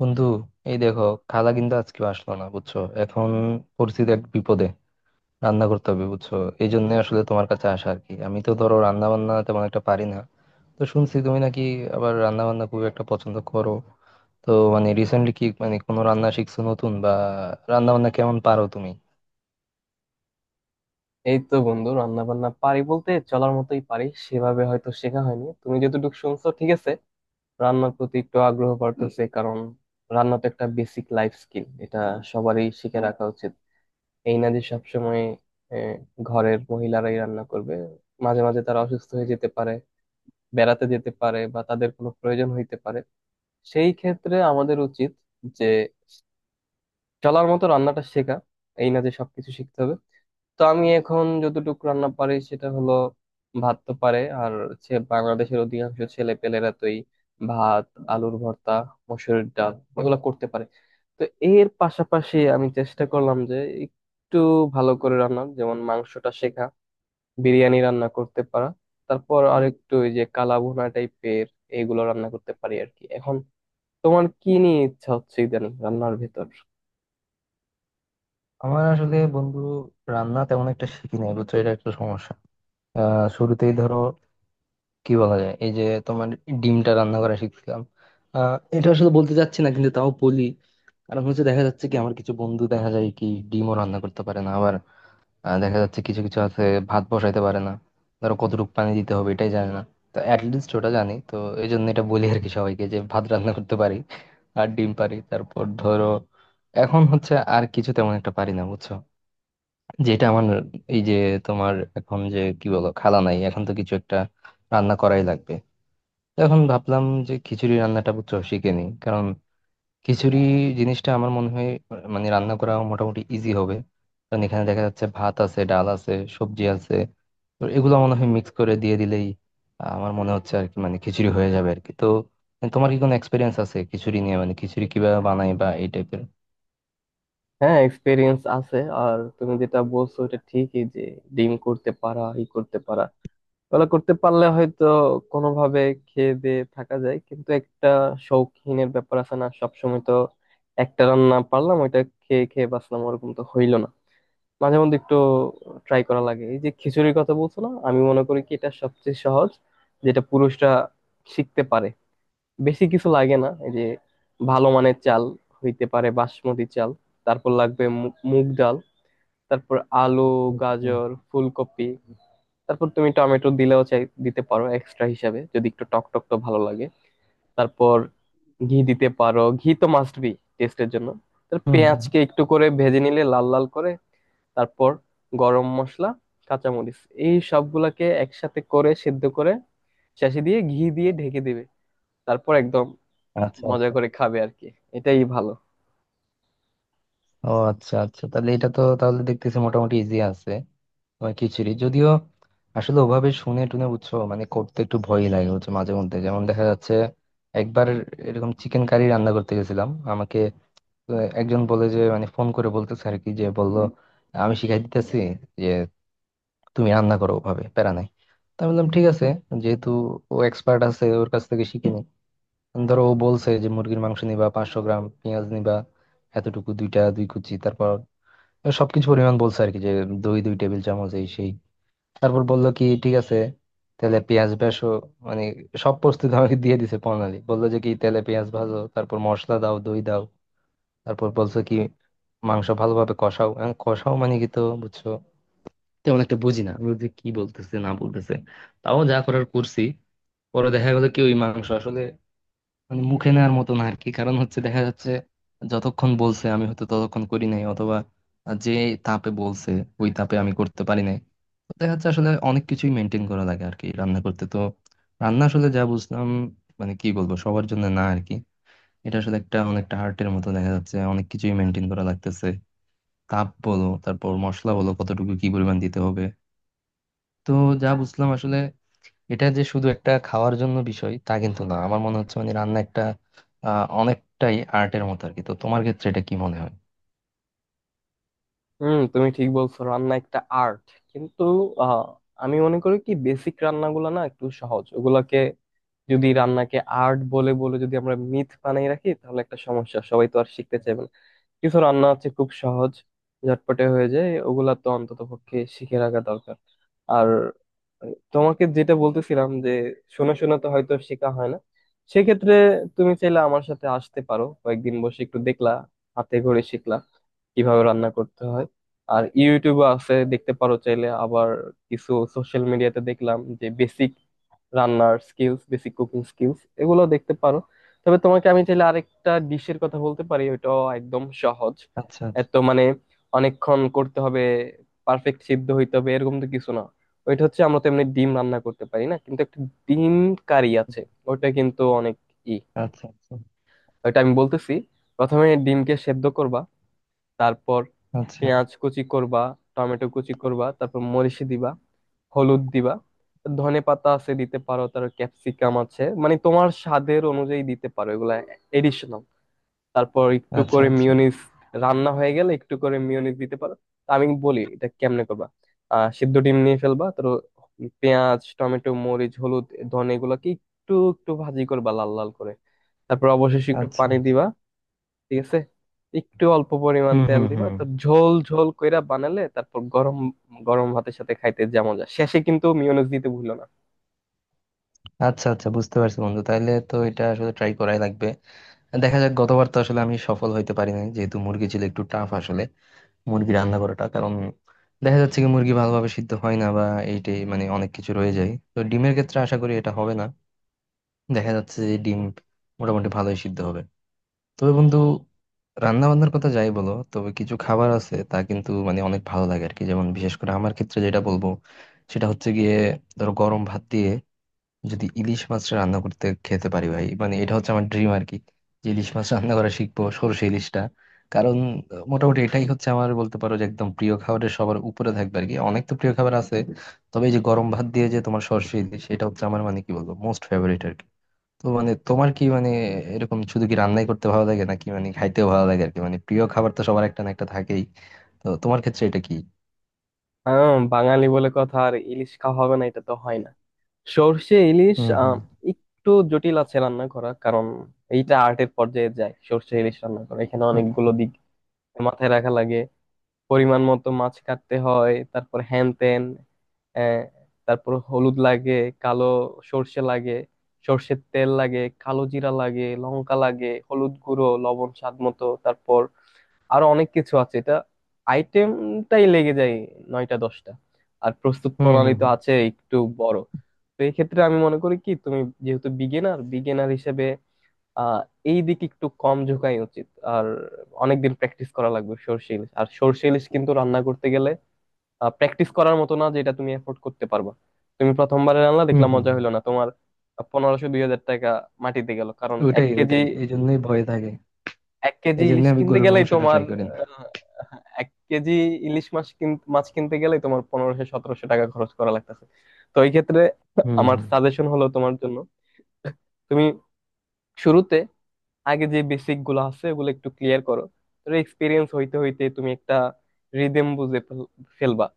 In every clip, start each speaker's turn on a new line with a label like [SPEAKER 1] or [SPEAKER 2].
[SPEAKER 1] বন্ধু, এই দেখো, খালা কিন্তু আজকে আসলো না বুঝছো। এখন পরিস্থিতি এক বিপদে, রান্না করতে হবে বুঝছো। এই জন্য আসলে তোমার কাছে আসা আর কি। আমি তো ধরো রান্না বান্না তেমন একটা পারি না। তো শুনছি তুমি নাকি আবার রান্না বান্না খুব একটা পছন্দ করো। তো মানে রিসেন্টলি কি মানে কোনো রান্না শিখছো নতুন বা রান্না বান্না কেমন পারো তুমি?
[SPEAKER 2] এই তো বন্ধু রান্না বান্না পারি বলতে চলার মতোই পারি সেভাবে হয়তো শেখা হয়নি তুমি যতটুকু শুনছো ঠিক আছে। রান্নার প্রতি একটু আগ্রহ বাড়তেছে, কারণ রান্না তো একটা বেসিক লাইফ স্কিল, এটা সবারই শিখে রাখা উচিত। এই না যে সবসময় আহ, ঘরের মহিলারাই রান্না করবে। মাঝে মাঝে তারা অসুস্থ হয়ে যেতে পারে, বেড়াতে যেতে পারে বা তাদের কোনো প্রয়োজন হইতে পারে। সেই ক্ষেত্রে আমাদের উচিত যে চলার মতো রান্নাটা শেখা, এই না যে সবকিছু শিখতে হবে। তো আমি এখন যতটুকু রান্না পারি সেটা হলো, ভাত তো পারে, আর হচ্ছে বাংলাদেশের অধিকাংশ ছেলে পেলেরা তো এই ভাত, আলুর ভর্তা, মসুরের ডাল এগুলো করতে পারে। তো এর পাশাপাশি আমি চেষ্টা করলাম যে একটু ভালো করে রান্না যেমন মাংসটা শেখা, বিরিয়ানি রান্না করতে পারা, তারপর আরেকটু ওই যে কালাভুনা টাইপের, এগুলো রান্না করতে পারি আর কি এখন। তোমার কি নিয়ে ইচ্ছা হচ্ছে ইদানিং রান্নার ভেতর?
[SPEAKER 1] আমার আসলে বন্ধু রান্না তেমন একটা শিখি নাই বুঝছো, এটা একটা সমস্যা। শুরুতেই ধরো কি বলা যায়, এই যে তোমার ডিমটা রান্না করা শিখছিলাম। এটা আসলে বলতে চাচ্ছি না কিন্তু তাও বলি, কারণ হচ্ছে দেখা যাচ্ছে কি আমার কিছু বন্ধু দেখা যায় কি ডিমও রান্না করতে পারে না। আবার দেখা যাচ্ছে কিছু কিছু আছে ভাত বসাইতে পারে না, ধরো কতটুকু পানি দিতে হবে এটাই জানে না। তো অ্যাটলিস্ট ওটা জানি তো, এই জন্য এটা বলি আর কি সবাইকে, যে ভাত রান্না করতে পারি আর ডিম পারি। তারপর ধরো এখন হচ্ছে আর কিছু তেমন একটা পারি না বুঝছো। যেটা আমার, এই যে তোমার, এখন যে কি বলো, খালা নাই, এখন তো কিছু একটা রান্না করাই লাগবে। তো এখন ভাবলাম যে খিচুড়ি রান্নাটা বুঝছো শিখে নিই, কারণ খিচুড়ি জিনিসটা আমার মনে হয় মানে রান্না করা মোটামুটি ইজি হবে। কারণ এখানে দেখা যাচ্ছে ভাত আছে, ডাল আছে, সবজি আছে, তো এগুলো মনে হয় মিক্স করে দিয়ে দিলেই আমার মনে হচ্ছে আর কি, মানে খিচুড়ি হয়ে যাবে আর কি। তো তোমার কি কোনো এক্সপিরিয়েন্স আছে খিচুড়ি নিয়ে, মানে খিচুড়ি কিভাবে বানাই বা এই টাইপের?
[SPEAKER 2] হ্যাঁ, এক্সপিরিয়েন্স আছে। আর তুমি যেটা বলছো এটা ঠিকই যে ডিম করতে পারা, ই করতে পারা, ওগুলো করতে পারলে হয়তো কোনোভাবে খেয়ে দিয়ে থাকা যায়, কিন্তু একটা শৌখিনের ব্যাপার আছে না, সবসময় তো একটা রান্না পারলাম, ওইটা খেয়ে খেয়ে বাঁচলাম ওরকম তো হইলো না। মাঝে মধ্যে একটু ট্রাই করা লাগে। এই যে খিচুড়ির কথা বলছো না, আমি মনে করি কি এটা সবচেয়ে সহজ, যেটা পুরুষরা শিখতে পারে। বেশি কিছু লাগে না, এই যে ভালো মানের চাল, হইতে পারে বাসমতি চাল, তারপর লাগবে মুগ ডাল, তারপর আলু,
[SPEAKER 1] হুম
[SPEAKER 2] গাজর, ফুলকপি, তারপর তুমি টমেটো দিলেও চাই দিতে পারো এক্সট্রা হিসাবে, যদি একটু টক টক তো ভালো লাগে। তারপর ঘি দিতে পারো, ঘি তো মাস্ট বি টেস্টের জন্য। তার
[SPEAKER 1] হুম হুম।
[SPEAKER 2] পেঁয়াজকে একটু করে ভেজে নিলে লাল লাল করে, তারপর গরম মশলা, কাঁচামরিচ, এই সবগুলাকে একসাথে করে সেদ্ধ করে শেষে দিয়ে ঘি দিয়ে ঢেকে দিবে। তারপর একদম
[SPEAKER 1] আচ্ছা
[SPEAKER 2] মজা
[SPEAKER 1] আচ্ছা।
[SPEAKER 2] করে খাবে আর কি, এটাই ভালো।
[SPEAKER 1] ও আচ্ছা আচ্ছা, তাহলে এটা তো তাহলে দেখতেছি মোটামুটি ইজি আছে। বা খিচুড়ি যদিও, আসলে ওভাবে শুনে টুনে বুঝছো মানে করতে একটু ভয়ই লাগে হচ্ছে মাঝে মধ্যে। যেমন দেখা যাচ্ছে একবার এরকম চিকেন কারি রান্না করতে গেছিলাম, আমাকে আহ, একজন বলে যে, মানে ফোন করে বলতেছে আর কি, যে বললো আমি শিখাই দিতেছি, যে তুমি রান্না করো, ওভাবে প্যারা নাই। তা আমি বললাম ঠিক আছে, যেহেতু ও এক্সপার্ট আছে ওর কাছ থেকে শিখে নি। ধরো ও বলছে যে মুরগির মাংস নিবা 500 গ্রাম, পেঁয়াজ নিবা এতটুকু, দুইটা দুই কুচি, তারপর সবকিছু পরিমাণ বলছে আর কি, যে দই দুই টেবিল চামচ এই সেই। তারপর বললো কি ঠিক আছে, তাহলে পেঁয়াজ ভাজো, মানে সব প্রস্তুতি আমাকে দিয়ে দিছে। প্রণালী বললো যে কি তেলে পেঁয়াজ ভাজো, তারপর মশলা দাও, দই দাও। তারপর বলছো কি মাংস ভালোভাবে কষাও। এখন কষাও মানে কি তো বুঝছো তেমন একটা বুঝি না আমি, বুঝি কি বলতেছে না বলতেছে। তাও যা করার করছি। পরে দেখা গেলো কি ওই মাংস আসলে মানে মুখে নেওয়ার মতো না আর কি। কারণ হচ্ছে দেখা যাচ্ছে যতক্ষণ বলছে আমি হয়তো ততক্ষণ করি নাই, অথবা যে তাপে বলছে ওই তাপে আমি করতে পারি নাই। তো দেখা যাচ্ছে আসলে অনেক কিছুই মেনটেন করা লাগে আর কি রান্না করতে তো। রান্না আসলে যা বুঝলাম, মানে কি বলবো, সবার জন্য না আর কি। এটা আসলে একটা অনেকটা আর্টের মতো, দেখা যাচ্ছে অনেক কিছুই মেনটেন করা লাগতেছে। তাপ বলো, তারপর মশলা বলো কতটুকু কি পরিমাণ দিতে হবে। তো যা বুঝলাম আসলে এটা যে শুধু একটা খাওয়ার জন্য বিষয় তা কিন্তু না, আমার মনে হচ্ছে মানে রান্না একটা অনেকটাই আর্টের মতো আর কি। তো তোমার ক্ষেত্রে এটা কি মনে হয়?
[SPEAKER 2] হুম, তুমি ঠিক বলছো, রান্না একটা আর্ট, কিন্তু আহ, আমি মনে করি কি বেসিক রান্নাগুলো না একটু সহজ, ওগুলাকে যদি রান্নাকে আর্ট বলে বলে যদি আমরা মিথ বানিয়ে রাখি তাহলে একটা সমস্যা, সবাই তো আর শিখতে চাইবে না। কিছু রান্না আছে খুব সহজ, ঝটপটে হয়ে যায়, ওগুলা তো অন্তত পক্ষে শিখে রাখা দরকার। আর তোমাকে যেটা বলতেছিলাম যে শোনা শোনা তো হয়তো শেখা হয় না, সেক্ষেত্রে তুমি চাইলে আমার সাথে আসতে পারো, কয়েকদিন বসে একটু দেখলা, হাতে ঘরে শিখলা কিভাবে রান্না করতে হয়। আর ইউটিউবে আছে, দেখতে পারো চাইলে আবার। কিছু সোশ্যাল মিডিয়াতে দেখলাম যে বেসিক রান্নার স্কিলস, বেসিক কুকিং স্কিলস, এগুলো দেখতে পারো। তবে তোমাকে আমি চাইলে আরেকটা ডিশের কথা বলতে পারি, ওইটাও একদম সহজ।
[SPEAKER 1] আচ্ছা আচ্ছা।
[SPEAKER 2] এত মানে অনেকক্ষণ করতে হবে, পারফেক্ট সিদ্ধ হইতে হবে এরকম তো কিছু না। ওইটা হচ্ছে, আমরা তো এমনি ডিম রান্না করতে পারি না, কিন্তু একটা ডিম কারি আছে, ওইটা কিন্তু অনেক ই।
[SPEAKER 1] আচ্ছা
[SPEAKER 2] ওইটা আমি বলতেছি, প্রথমে ডিমকে সেদ্ধ করবা, তারপর
[SPEAKER 1] আচ্ছা।
[SPEAKER 2] পেঁয়াজ কুচি করবা, টমেটো কুচি করবা, তারপর মরিচ দিবা, হলুদ দিবা, ধনে পাতা আছে দিতে পারো, তার ক্যাপসিকাম আছে, মানে তোমার স্বাদের অনুযায়ী দিতে পারো এগুলা এডিশনাল। তারপর একটু
[SPEAKER 1] আচ্ছা
[SPEAKER 2] করে
[SPEAKER 1] আচ্ছা
[SPEAKER 2] মিয়োনিজ, রান্না হয়ে গেলে একটু করে মিয়োনিজ দিতে পারো। তা আমি বলি এটা কেমনে করবা। সিদ্ধ ডিম নিয়ে ফেলবা, তো পেঁয়াজ, টমেটো, মরিচ, হলুদ, ধনে, এগুলাকে একটু একটু ভাজি করবা লাল লাল করে, তারপর অবশেষে একটু
[SPEAKER 1] আচ্ছা।
[SPEAKER 2] পানি দিবা, ঠিক আছে। একটু অল্প পরিমাণ
[SPEAKER 1] হুম
[SPEAKER 2] তেল
[SPEAKER 1] হুম
[SPEAKER 2] দিবা,
[SPEAKER 1] হুম।
[SPEAKER 2] তো ঝোল ঝোল কইরা বানালে তারপর গরম গরম ভাতের সাথে খাইতে যা মজা। শেষে কিন্তু মিয়োনিজ দিতে ভুলো না।
[SPEAKER 1] আচ্ছা আচ্ছা বুঝতে পারছি বন্ধু, তাইলে তো এটা আসলে ট্রাই করাই লাগবে। দেখা যাক, গতবার তো আসলে আমি সফল হইতে পারিনি, যেহেতু মুরগি ছিল একটু টাফ আসলে মুরগি রান্না করাটা। কারণ দেখা যাচ্ছে কি মুরগি ভালোভাবে সিদ্ধ হয় না বা এইটাই, মানে অনেক কিছু রয়ে যায়। তো ডিমের ক্ষেত্রে আশা করি এটা হবে না, দেখা যাচ্ছে যে ডিম মোটামুটি ভালোই সিদ্ধ হবে। তবে বন্ধু রান্না বান্নার কথা যাই বলো, তবে কিছু খাবার আছে তা কিন্তু মানে অনেক ভালো লাগে আর কি। যেমন বিশেষ করে আমার ক্ষেত্রে যেটা বলবো সেটা হচ্ছে গিয়ে ধরো গরম ভাত দিয়ে যদি ইলিশ মাছ রান্না করতে খেতে পারি, ভাই মানে এটা হচ্ছে আমার ড্রিম আর কি, যে ইলিশ মাছ রান্না করা শিখবো, সরষে ইলিশটা। কারণ মোটামুটি এটাই হচ্ছে আমার বলতে পারো যে একদম প্রিয় খাবারের সবার উপরে থাকবে আর কি। অনেক তো প্রিয় খাবার আছে, তবে এই যে গরম ভাত দিয়ে যে তোমার সরষে ইলিশ, এটা হচ্ছে আমার মানে কি বলবো মোস্ট ফেভারিট। তো মানে তোমার কি মানে এরকম শুধু কি রান্নাই করতে ভালো লাগে নাকি মানে খাইতেও ভালো লাগে আর কি, মানে প্রিয় খাবার তো সবার একটা না একটা থাকেই। তো তোমার ক্ষেত্রে এটা কি?
[SPEAKER 2] বাঙালি বলে কথা, আর ইলিশ খাওয়া হবে না এটা তো হয় না। সর্ষে ইলিশ
[SPEAKER 1] হুম হুম।
[SPEAKER 2] একটু জটিল আছে রান্না করা, কারণ এইটা আর্টের পর্যায়ে যায়, সর্ষে ইলিশ রান্না করা। এখানে
[SPEAKER 1] হুম
[SPEAKER 2] অনেকগুলো দিক মাথায় রাখা লাগে। পরিমাণ মতো মাছ কাটতে হয়, তারপর হ্যান ত্যান, আহ, তারপর হলুদ লাগে, কালো সর্ষে লাগে, সর্ষের তেল লাগে, কালো জিরা লাগে, লঙ্কা লাগে, হলুদ গুঁড়ো, লবণ স্বাদ মতো, তারপর আরো অনেক কিছু আছে। এটা আইটেমটাই লেগে যায় 9-10টা, আর প্রস্তুত
[SPEAKER 1] হুম
[SPEAKER 2] প্রণালী
[SPEAKER 1] হুম
[SPEAKER 2] তো আছে একটু বড়। তো এই ক্ষেত্রে আমি মনে করি কি তুমি যেহেতু বিগিনার, হিসেবে আহ এই দিকে একটু কম ঝোঁকাই উচিত। আর অনেকদিন প্র্যাকটিস করা লাগবে সর্ষে ইলিশ, আর সর্ষে ইলিশ কিন্তু রান্না করতে গেলে প্র্যাকটিস করার মতো না, যেটা তুমি এফোর্ড করতে পারবা। তুমি প্রথমবারে রান্না
[SPEAKER 1] হুম
[SPEAKER 2] দেখলাম
[SPEAKER 1] হুম।
[SPEAKER 2] মজা
[SPEAKER 1] হুম।
[SPEAKER 2] হলো না, তোমার 1500 2000 টাকা মাটিতে গেল, কারণ এক
[SPEAKER 1] ওটাই
[SPEAKER 2] কেজি
[SPEAKER 1] ওটাই, এই জন্যই ভয় থাকে,
[SPEAKER 2] 1 কেজি
[SPEAKER 1] এই জন্য
[SPEAKER 2] ইলিশ
[SPEAKER 1] আমি
[SPEAKER 2] কিনতে
[SPEAKER 1] গরুর
[SPEAKER 2] গেলেই
[SPEAKER 1] মাংসটা
[SPEAKER 2] তোমার
[SPEAKER 1] ট্রাই করি না।
[SPEAKER 2] আহ, 1 কেজি ইলিশ মাছ কিনতে গেলেই তোমার 1500 1700 টাকা খরচ করা লাগতেছে। তো এই ক্ষেত্রে
[SPEAKER 1] হুম
[SPEAKER 2] আমার
[SPEAKER 1] হুম
[SPEAKER 2] সাজেশন হলো তোমার জন্য, তুমি শুরুতে আগে যে বেসিক গুলো আছে ওগুলো একটু ক্লিয়ার করো, তাহলে এক্সপিরিয়েন্স হইতে হইতে তুমি একটা রিদেম বুঝে ফেলবা,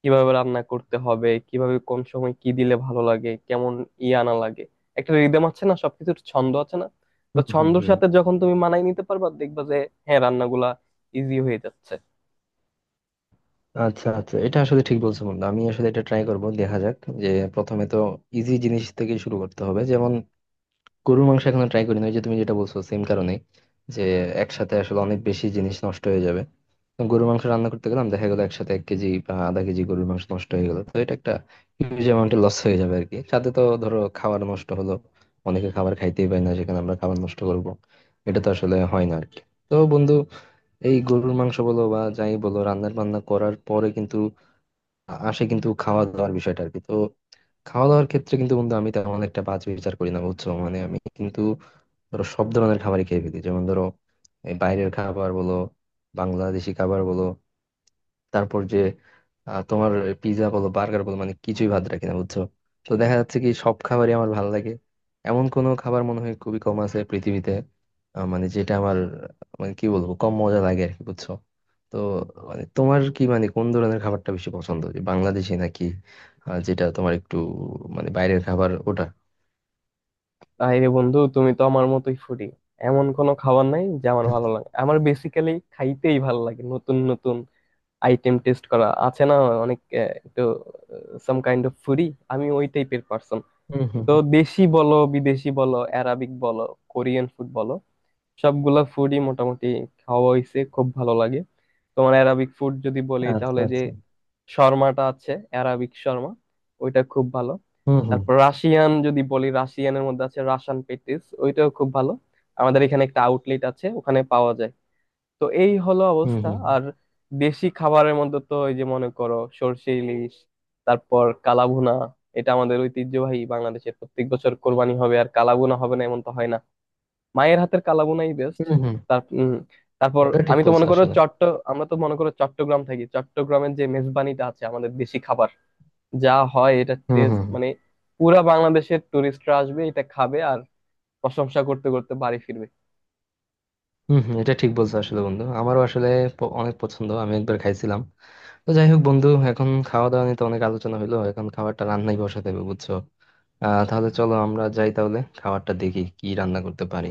[SPEAKER 2] কিভাবে রান্না করতে হবে, কিভাবে কোন সময় কি দিলে ভালো লাগে, কেমন ই আনা লাগে, একটা রিদেম আছে না, সবকিছুর ছন্দ আছে না। তো
[SPEAKER 1] হুম হুম। হুম
[SPEAKER 2] ছন্দর
[SPEAKER 1] হুম হুম।
[SPEAKER 2] সাথে যখন তুমি মানায় নিতে পারবা, দেখবা যে হ্যাঁ, রান্নাগুলা ইজি হয়ে যাচ্ছে।
[SPEAKER 1] আচ্ছা আচ্ছা এটা আসলে ঠিক বলছো বন্ধু, আমি আসলে এটা ট্রাই করব। দেখা যাক, যে প্রথমে তো ইজি জিনিস থেকে শুরু করতে হবে। যেমন গরুর মাংস এখনো ট্রাই করিনি, ওই যে তুমি যেটা বলছো সেম কারণে, যে একসাথে আসলে অনেক বেশি জিনিস নষ্ট হয়ে যাবে। তো গরুর মাংস রান্না করতে গেলাম দেখা গেলো একসাথে এক কেজি বা আধা কেজি গরুর মাংস নষ্ট হয়ে গেলো, তো এটা একটা হিউজ অ্যামাউন্টে লস হয়ে যাবে আর কি। সাথে তো ধরো খাবার নষ্ট হলো, অনেকে খাবার খাইতেই পায় না সেখানে আমরা খাবার নষ্ট করব, এটা তো আসলে হয় না আর কি। তো বন্ধু এই গরুর মাংস বলো বা যাই বলো, রান্নার বান্না করার পরে কিন্তু আসে কিন্তু খাওয়া দাওয়ার বিষয়টা আর কি। তো খাওয়া দাওয়ার ক্ষেত্রে কিন্তু বন্ধু আমি তেমন একটা বাজ বিচার করি না বুঝছো, মানে আমি কিন্তু ধরো সব ধরনের খাবারই খেয়ে ফেলি। যেমন ধরো এই বাইরের খাবার বলো, বাংলাদেশি খাবার বলো, তারপর যে তোমার পিৎজা বলো, বার্গার বলো, মানে কিছুই ভাত রাখি না বুঝছো। তো দেখা যাচ্ছে কি সব খাবারই আমার ভালো লাগে, এমন কোনো খাবার মনে হয় খুবই কম আছে পৃথিবীতে মানে যেটা আমার মানে কি বলবো কম মজা লাগে আর কি বুঝছো। তো মানে তোমার কি মানে কোন ধরনের খাবারটা বেশি পছন্দ, যে বাংলাদেশি নাকি যেটা তোমার একটু মানে বাইরের খাবার ওটা?
[SPEAKER 2] তাই রে বন্ধু, তুমি তো আমার মতোই ফুডি। এমন কোনো খাবার নাই যে আমার ভালো লাগে, আমার বেসিক্যালি খাইতেই ভালো লাগে, নতুন নতুন আইটেম টেস্ট করা আছে না অনেক, একটু সাম কাইন্ড অফ ফুডি, আমি ওই টাইপের পার্সন।
[SPEAKER 1] হুম হুম
[SPEAKER 2] তো
[SPEAKER 1] হুম।
[SPEAKER 2] দেশি বলো, বিদেশি বলো, অ্যারাবিক বলো, কোরিয়ান ফুড বলো, সবগুলা ফুডই মোটামুটি খাওয়া হইছে, খুব ভালো লাগে। তোমার অ্যারাবিক ফুড যদি বলি
[SPEAKER 1] আচ্ছা
[SPEAKER 2] তাহলে যে
[SPEAKER 1] আচ্ছা।
[SPEAKER 2] শর্মাটা আছে, অ্যারাবিক শর্মা, ওইটা খুব ভালো।
[SPEAKER 1] হুম হুম।
[SPEAKER 2] তারপর রাশিয়ান যদি বলি, রাশিয়ানের মধ্যে আছে রাশান পেটিস, ওইটাও খুব ভালো। আমাদের এখানে একটা আউটলেট আছে, ওখানে পাওয়া যায়। তো এই হলো
[SPEAKER 1] হম।
[SPEAKER 2] অবস্থা। আর দেশি খাবারের মধ্যে তো এই যে মনে করো সরষে ইলিশ, তারপর কালাভুনা। এটা আমাদের ঐতিহ্যবাহী, বাংলাদেশের প্রত্যেক বছর কোরবানি হবে আর কালাভুনা হবে না এমন তো হয় না। মায়ের হাতের কালাভুনাই বেস্ট।
[SPEAKER 1] হুম হুম।
[SPEAKER 2] তার তারপর
[SPEAKER 1] ওটা ঠিক
[SPEAKER 2] আমি তো
[SPEAKER 1] বলছো
[SPEAKER 2] মনে করো
[SPEAKER 1] আসলে।
[SPEAKER 2] চট্ট আমরা তো মনে করো চট্টগ্রাম থাকি, চট্টগ্রামের যে মেজবানিটা আছে, আমাদের দেশি খাবার যা হয়, এটা
[SPEAKER 1] হুম
[SPEAKER 2] টেস্ট
[SPEAKER 1] হুম।
[SPEAKER 2] মানে, পুরা বাংলাদেশের টুরিস্টরা আসবে এটা খাবে আর প্রশংসা করতে করতে বাড়ি ফিরবে।
[SPEAKER 1] হুম হুম, এটা ঠিক বলছো আসলে বন্ধু, আমারও আসলে অনেক পছন্দ, আমি একবার খাইছিলাম। তো যাই হোক বন্ধু, এখন খাওয়া দাওয়া নিয়ে তো অনেক আলোচনা হলো, এখন খাবারটা রান্নাই বসাতে হবে বুঝছো। আহ তাহলে চলো আমরা যাই, তাহলে খাবারটা দেখি কি রান্না করতে পারি।